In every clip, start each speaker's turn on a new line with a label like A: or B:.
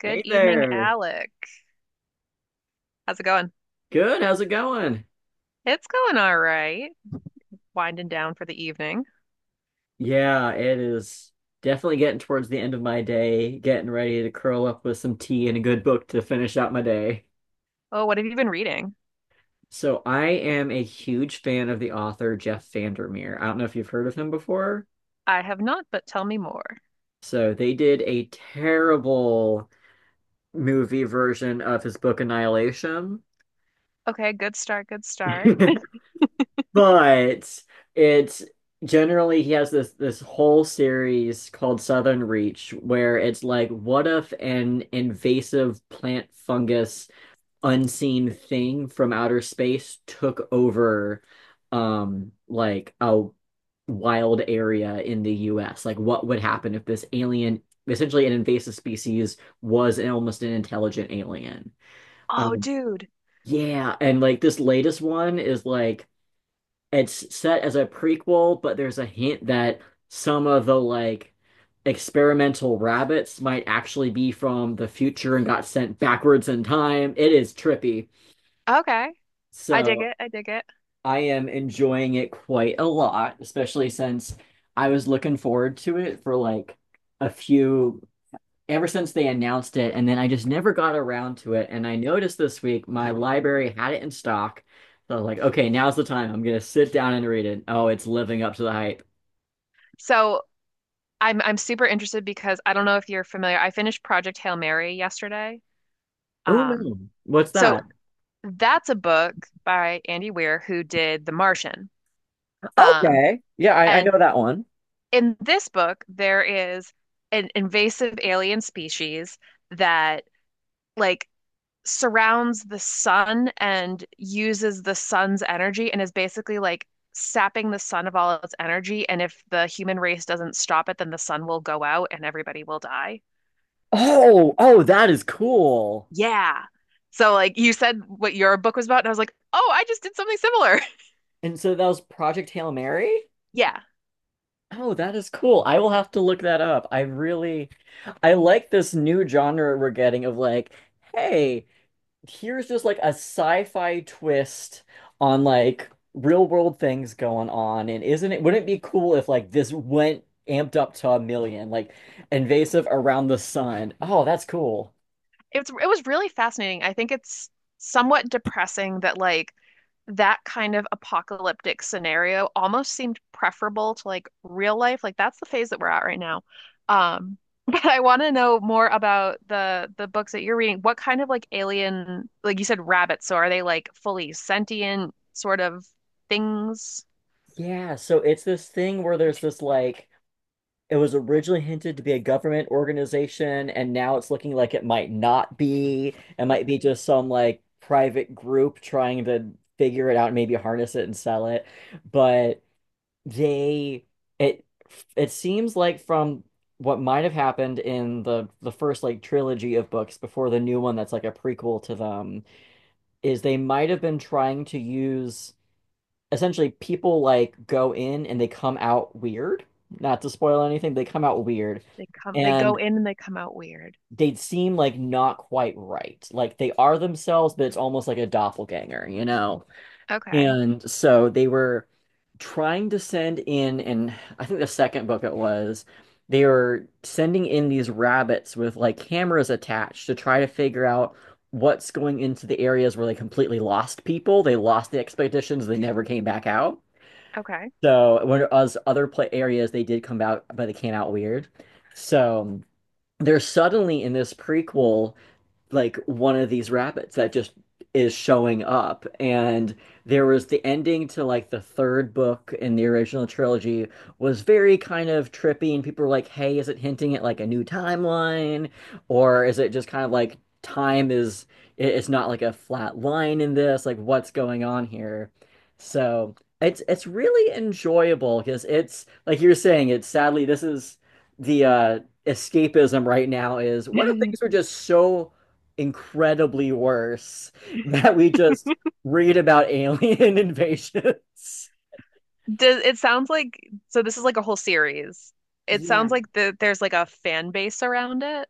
A: Good
B: Hey
A: evening,
B: there.
A: Alec. How's it going?
B: Good. How's it going?
A: It's going all right. Winding down for the evening.
B: Yeah, it is definitely getting towards the end of my day, getting ready to curl up with some tea and a good book to finish out my day.
A: Oh, what have you been reading?
B: So I am a huge fan of the author Jeff Vandermeer. I don't know if you've heard of him before.
A: I have not, but tell me more.
B: So they did a terrible movie version of his book Annihilation.
A: Okay, good start, good start.
B: But it's generally he has this whole series called Southern Reach where it's like, what if an invasive plant fungus unseen thing from outer space took over like a wild area in the US? Like what would happen if this alien essentially an invasive species was an, almost an intelligent alien?
A: Oh,
B: Um
A: dude.
B: yeah, and like this latest one is like it's set as a prequel, but there's a hint that some of the like experimental rabbits might actually be from the future and got sent backwards in time. It is trippy.
A: Okay. I dig
B: So
A: it. I dig it.
B: I am enjoying it quite a lot, especially since I was looking forward to it for like a few ever since they announced it, and then I just never got around to it. And I noticed this week my library had it in stock. So I was like, okay, now's the time. I'm gonna sit down and read it. Oh, it's living up to the hype.
A: So, I'm super interested because I don't know if you're familiar. I finished Project Hail Mary yesterday.
B: Oh
A: Um,
B: no. What's
A: so
B: that?
A: that's a book by Andy Weir who did The Martian. Um,
B: Okay. Yeah, I
A: and
B: know that one.
A: in this book, there is an invasive alien species that like surrounds the sun and uses the sun's energy and is basically like sapping the sun of all its energy. And if the human race doesn't stop it, then the sun will go out and everybody will die.
B: Oh, oh, that is cool.
A: Yeah. So like you said what your book was about, and I was like, oh, I just did something similar.
B: And so that was Project Hail Mary?
A: Yeah.
B: Oh, that is cool. I will have to look that up. I really I like this new genre we're getting of like, hey, here's just like a sci-fi twist on like real world things going on. And isn't it wouldn't it be cool if like this went amped up to a million, like invasive around the sun? Oh, that's cool.
A: It was really fascinating. I think it's somewhat depressing that like that kind of apocalyptic scenario almost seemed preferable to like real life. Like that's the phase that we're at right now. Um, but I want to know more about the books that you're reading. What kind of like alien, like you said, rabbits? So are they like fully sentient sort of things?
B: Yeah, so it's this thing where there's this like it was originally hinted to be a government organization, and now it's looking like it might not be. It might be
A: Okay,
B: just some like private group trying to figure it out and maybe harness it and sell it. But they it it seems like from what might have happened in the first like trilogy of books before the new one that's like a prequel to them is they might have been trying to use essentially people like go in and they come out weird. Not to spoil anything, they come out weird
A: they come, they go
B: and
A: in and they come out weird.
B: they seem like not quite right. Like they are themselves, but it's almost like a doppelganger, you know?
A: Okay,
B: And so they were trying to send in, and I think the second book it was, they were sending in these rabbits with like cameras attached to try to figure out what's going into the areas where they completely lost people. They lost the expeditions, they never came back out.
A: okay.
B: So whereas other play areas they did come out, but they came out weird. So they're suddenly in this prequel like one of these rabbits that just is showing up. And there was the ending to like the third book in the original trilogy was very kind of trippy, and people were like, "Hey, is it hinting at like a new timeline, or is it just kind of like time is it's not like a flat line in this? Like, what's going on here?" So it's really enjoyable because it's like you're saying, it's sadly this is the escapism right now is what if things were just so incredibly worse that we just read about alien invasions.
A: Does it sounds like so this is like a whole series. It
B: Yeah.
A: sounds like there's like a fan base around it.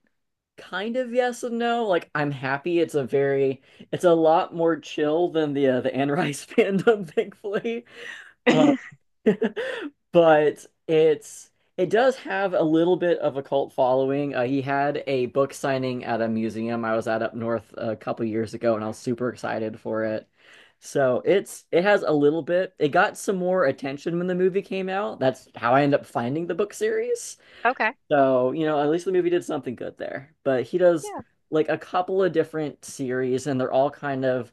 B: Kind of yes and no. Like I'm happy it's a very it's a lot more chill than the Anne Rice fandom, thankfully. Um, But it's it does have a little bit of a cult following. He had a book signing at a museum I was at up north a couple years ago, and I was super excited for it. So it's it has a little bit. It got some more attention when the movie came out. That's how I ended up finding the book series.
A: Okay.
B: So, you know, at least the movie did something good there. But he does
A: Yeah.
B: like a couple of different series, and they're all kind of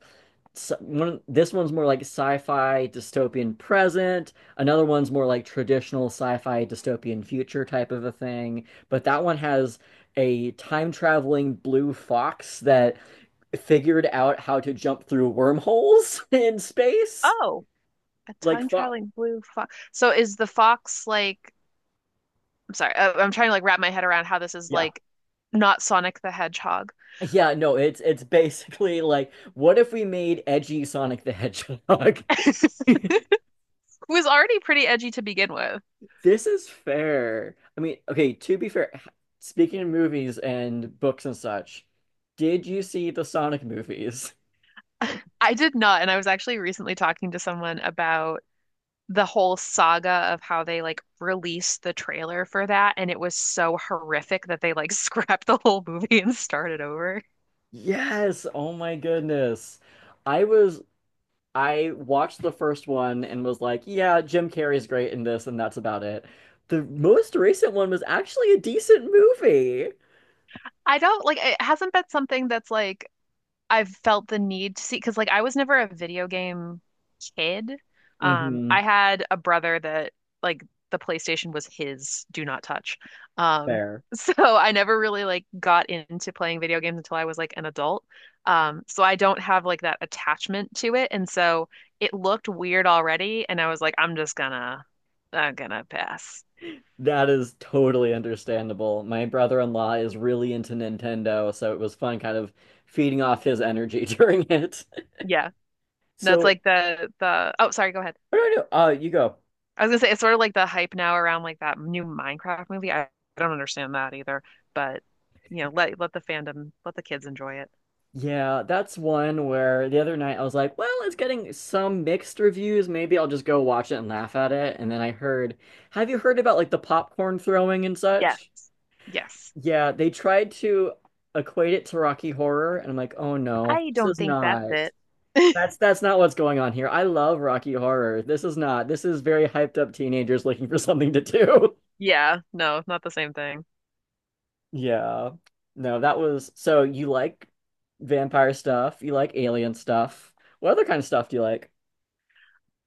B: one. This one's more like sci-fi dystopian present. Another one's more like traditional sci-fi dystopian future type of a thing. But that one has a time traveling blue fox that figured out how to jump through wormholes in space.
A: Oh, a
B: Like,
A: time
B: Fox,
A: traveling blue fox. So is the fox like I'm sorry, I'm trying to like wrap my head around how this is
B: yeah.
A: like not Sonic the Hedgehog,
B: Yeah, no, it's basically like, what if we made edgy Sonic the Hedgehog?
A: who was already pretty edgy to begin with.
B: This is fair. I mean, okay, to be fair, speaking of movies and books and such, did you see the Sonic movies?
A: I did not, and I was actually recently talking to someone about the whole saga of how they like released the trailer for that and it was so horrific that they like scrapped the whole movie and started over.
B: Yes, oh my goodness. I was I watched the first one and was like, yeah, Jim Carrey's great in this and that's about it. The most recent one was actually a decent movie.
A: I don't like it hasn't been something that's like I've felt the need to see because like I was never a video game kid.
B: Mm-hmm.
A: I had a brother that like the PlayStation was his, do not touch. Um,
B: Fair.
A: so I never really like got into playing video games until I was like an adult. So I don't have like that attachment to it, and so it looked weird already, and I was like, I'm just gonna I'm gonna pass.
B: That is totally understandable. My brother-in-law is really into Nintendo, so it was fun kind of feeding off his energy during it.
A: Yeah, no,
B: So,
A: it's
B: what
A: like the. Oh, sorry, go ahead.
B: do I do? You go.
A: I was gonna say it's sort of like the hype now around like that new Minecraft movie. I don't understand that either, but you know, let the fandom, let the kids enjoy it.
B: Yeah, that's one where the other night I was like, well, it's getting some mixed reviews. Maybe I'll just go watch it and laugh at it. And then I heard, have you heard about like the popcorn throwing and such?
A: Yes. Yes.
B: Yeah, they tried to equate it to Rocky Horror, and I'm like, oh no,
A: I
B: this
A: don't
B: is
A: think that's
B: not.
A: it.
B: That's not what's going on here. I love Rocky Horror. This is not. This is very hyped up teenagers looking for something to do.
A: Yeah, no, not the same thing.
B: Yeah. No, that was so you like vampire stuff, you like alien stuff. What other kind of stuff do you like?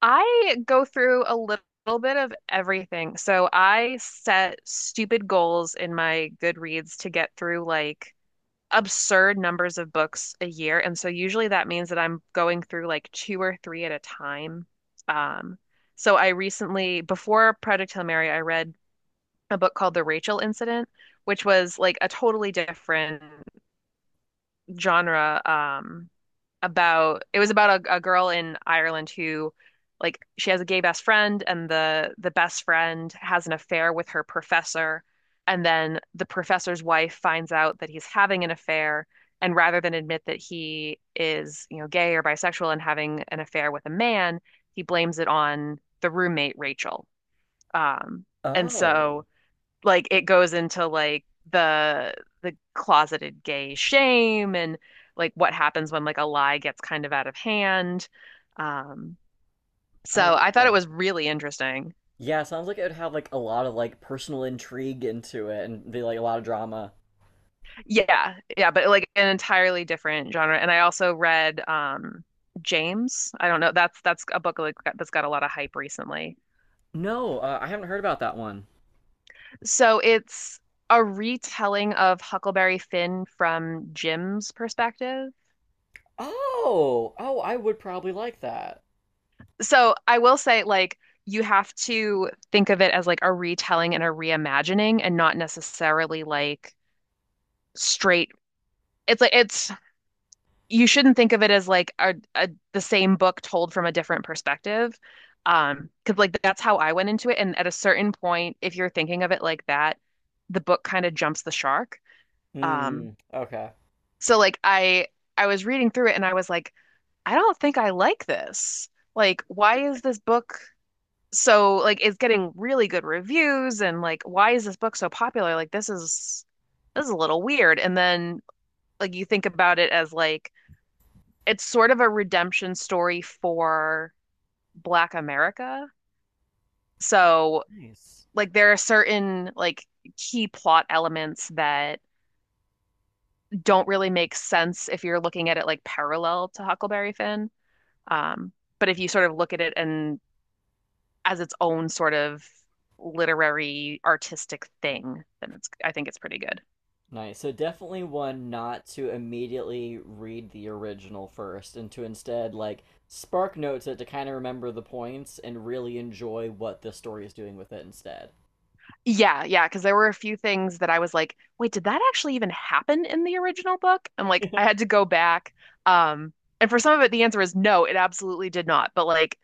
A: I go through a little bit of everything. So I set stupid goals in my Goodreads to get through like absurd numbers of books a year. And so usually that means that I'm going through like two or three at a time. Um, so I recently, before Project Hail Mary, I read a book called The Rachel Incident, which was like a totally different genre. About it was about a girl in Ireland who like she has a gay best friend and the best friend has an affair with her professor, and then the professor's wife finds out that he's having an affair, and rather than admit that he is, you know, gay or bisexual and having an affair with a man, he blames it on the roommate Rachel. Um and
B: Oh,
A: so like it goes into like the the closeted gay shame and like what happens when like a lie gets kind of out of hand. Um,
B: I
A: so I
B: like
A: thought it
B: that.
A: was really interesting.
B: Yeah, sounds like it would have like a lot of like personal intrigue into it and be like a lot of drama.
A: Yeah, yeah, but like an entirely different genre. And I also read James. I don't know. That's a book like that's got a lot of hype recently.
B: No, I haven't heard about that one.
A: So it's a retelling of Huckleberry Finn from Jim's perspective.
B: Oh, oh, I would probably like that.
A: So I will say, like, you have to think of it as like a retelling and a reimagining and not necessarily like straight. It's like, it's, you shouldn't think of it as like a the same book told from a different perspective. Because like that's how I went into it. And at a certain point, if you're thinking of it like that, the book kind of jumps the shark. Um,
B: Hmm, okay.
A: so like I, I was reading through it and I was like, I don't think I like this. Like, why is this book? So like it's getting really good reviews and like why is this book so popular? Like this is a little weird. And then like you think about it as like it's sort of a redemption story for Black America. So
B: Nice.
A: like there are certain like key plot elements that don't really make sense if you're looking at it like parallel to Huckleberry Finn. Um, but if you sort of look at it and as its own sort of literary artistic thing, then it's I think it's pretty good.
B: Nice. So definitely one not to immediately read the original first and to instead like spark notes it to kind of remember the points and really enjoy what the story is doing with it instead.
A: Yeah, yeah, because there were a few things that I was like, wait, did that actually even happen in the original book? And like I had to go back. Um, and for some of it, the answer is no, it absolutely did not. But like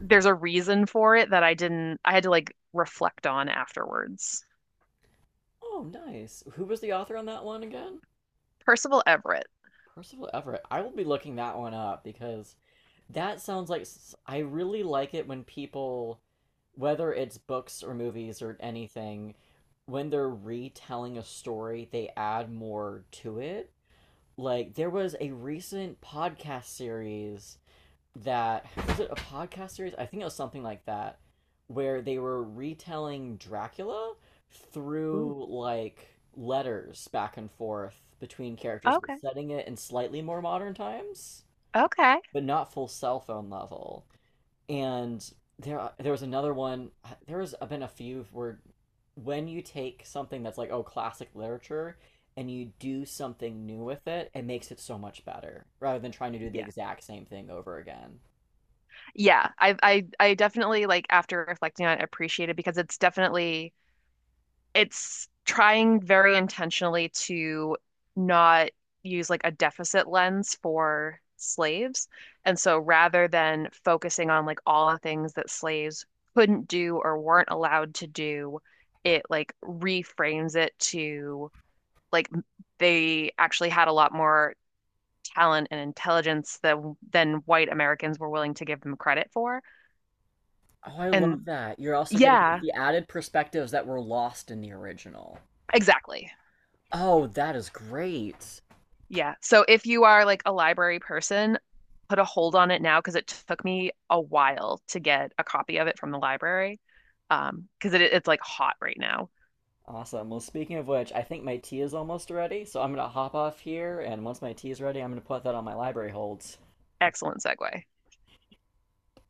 A: there's a reason for it that I didn't I had to like reflect on afterwards.
B: Oh, nice. Who was the author on that one again?
A: Percival Everett.
B: Percival Everett. I will be looking that one up because that sounds like I really like it when people whether it's books or movies or anything when they're retelling a story, they add more to it like there was a recent podcast series that was it a podcast series? I think it was something like that where they were retelling Dracula
A: Ooh.
B: through like letters back and forth between characters, but
A: Okay.
B: setting it in slightly more modern times,
A: Okay.
B: but not full cell phone level and there was another one. There has been a few where when you take something that's like oh classic literature and you do something new with it, it makes it so much better rather than trying to do the
A: Yeah.
B: exact same thing over again.
A: Yeah. I definitely like after reflecting on it appreciate it because it's definitely it's trying very intentionally to not use like a deficit lens for slaves. And so rather than focusing on like all the things that slaves couldn't do or weren't allowed to do, it like reframes it to like they actually had a lot more talent and intelligence than white Americans were willing to give them credit for.
B: Oh, I love
A: And
B: that. You're also getting
A: yeah,
B: the added perspectives that were lost in the original.
A: exactly.
B: Oh, that is great.
A: Yeah. So if you are like a library person, put a hold on it now because it took me a while to get a copy of it from the library. Because it's like hot right now.
B: Awesome. Well, speaking of which, I think my tea is almost ready, so I'm going to hop off here, and once my tea is ready, I'm going to put that on my library holds.
A: Excellent segue.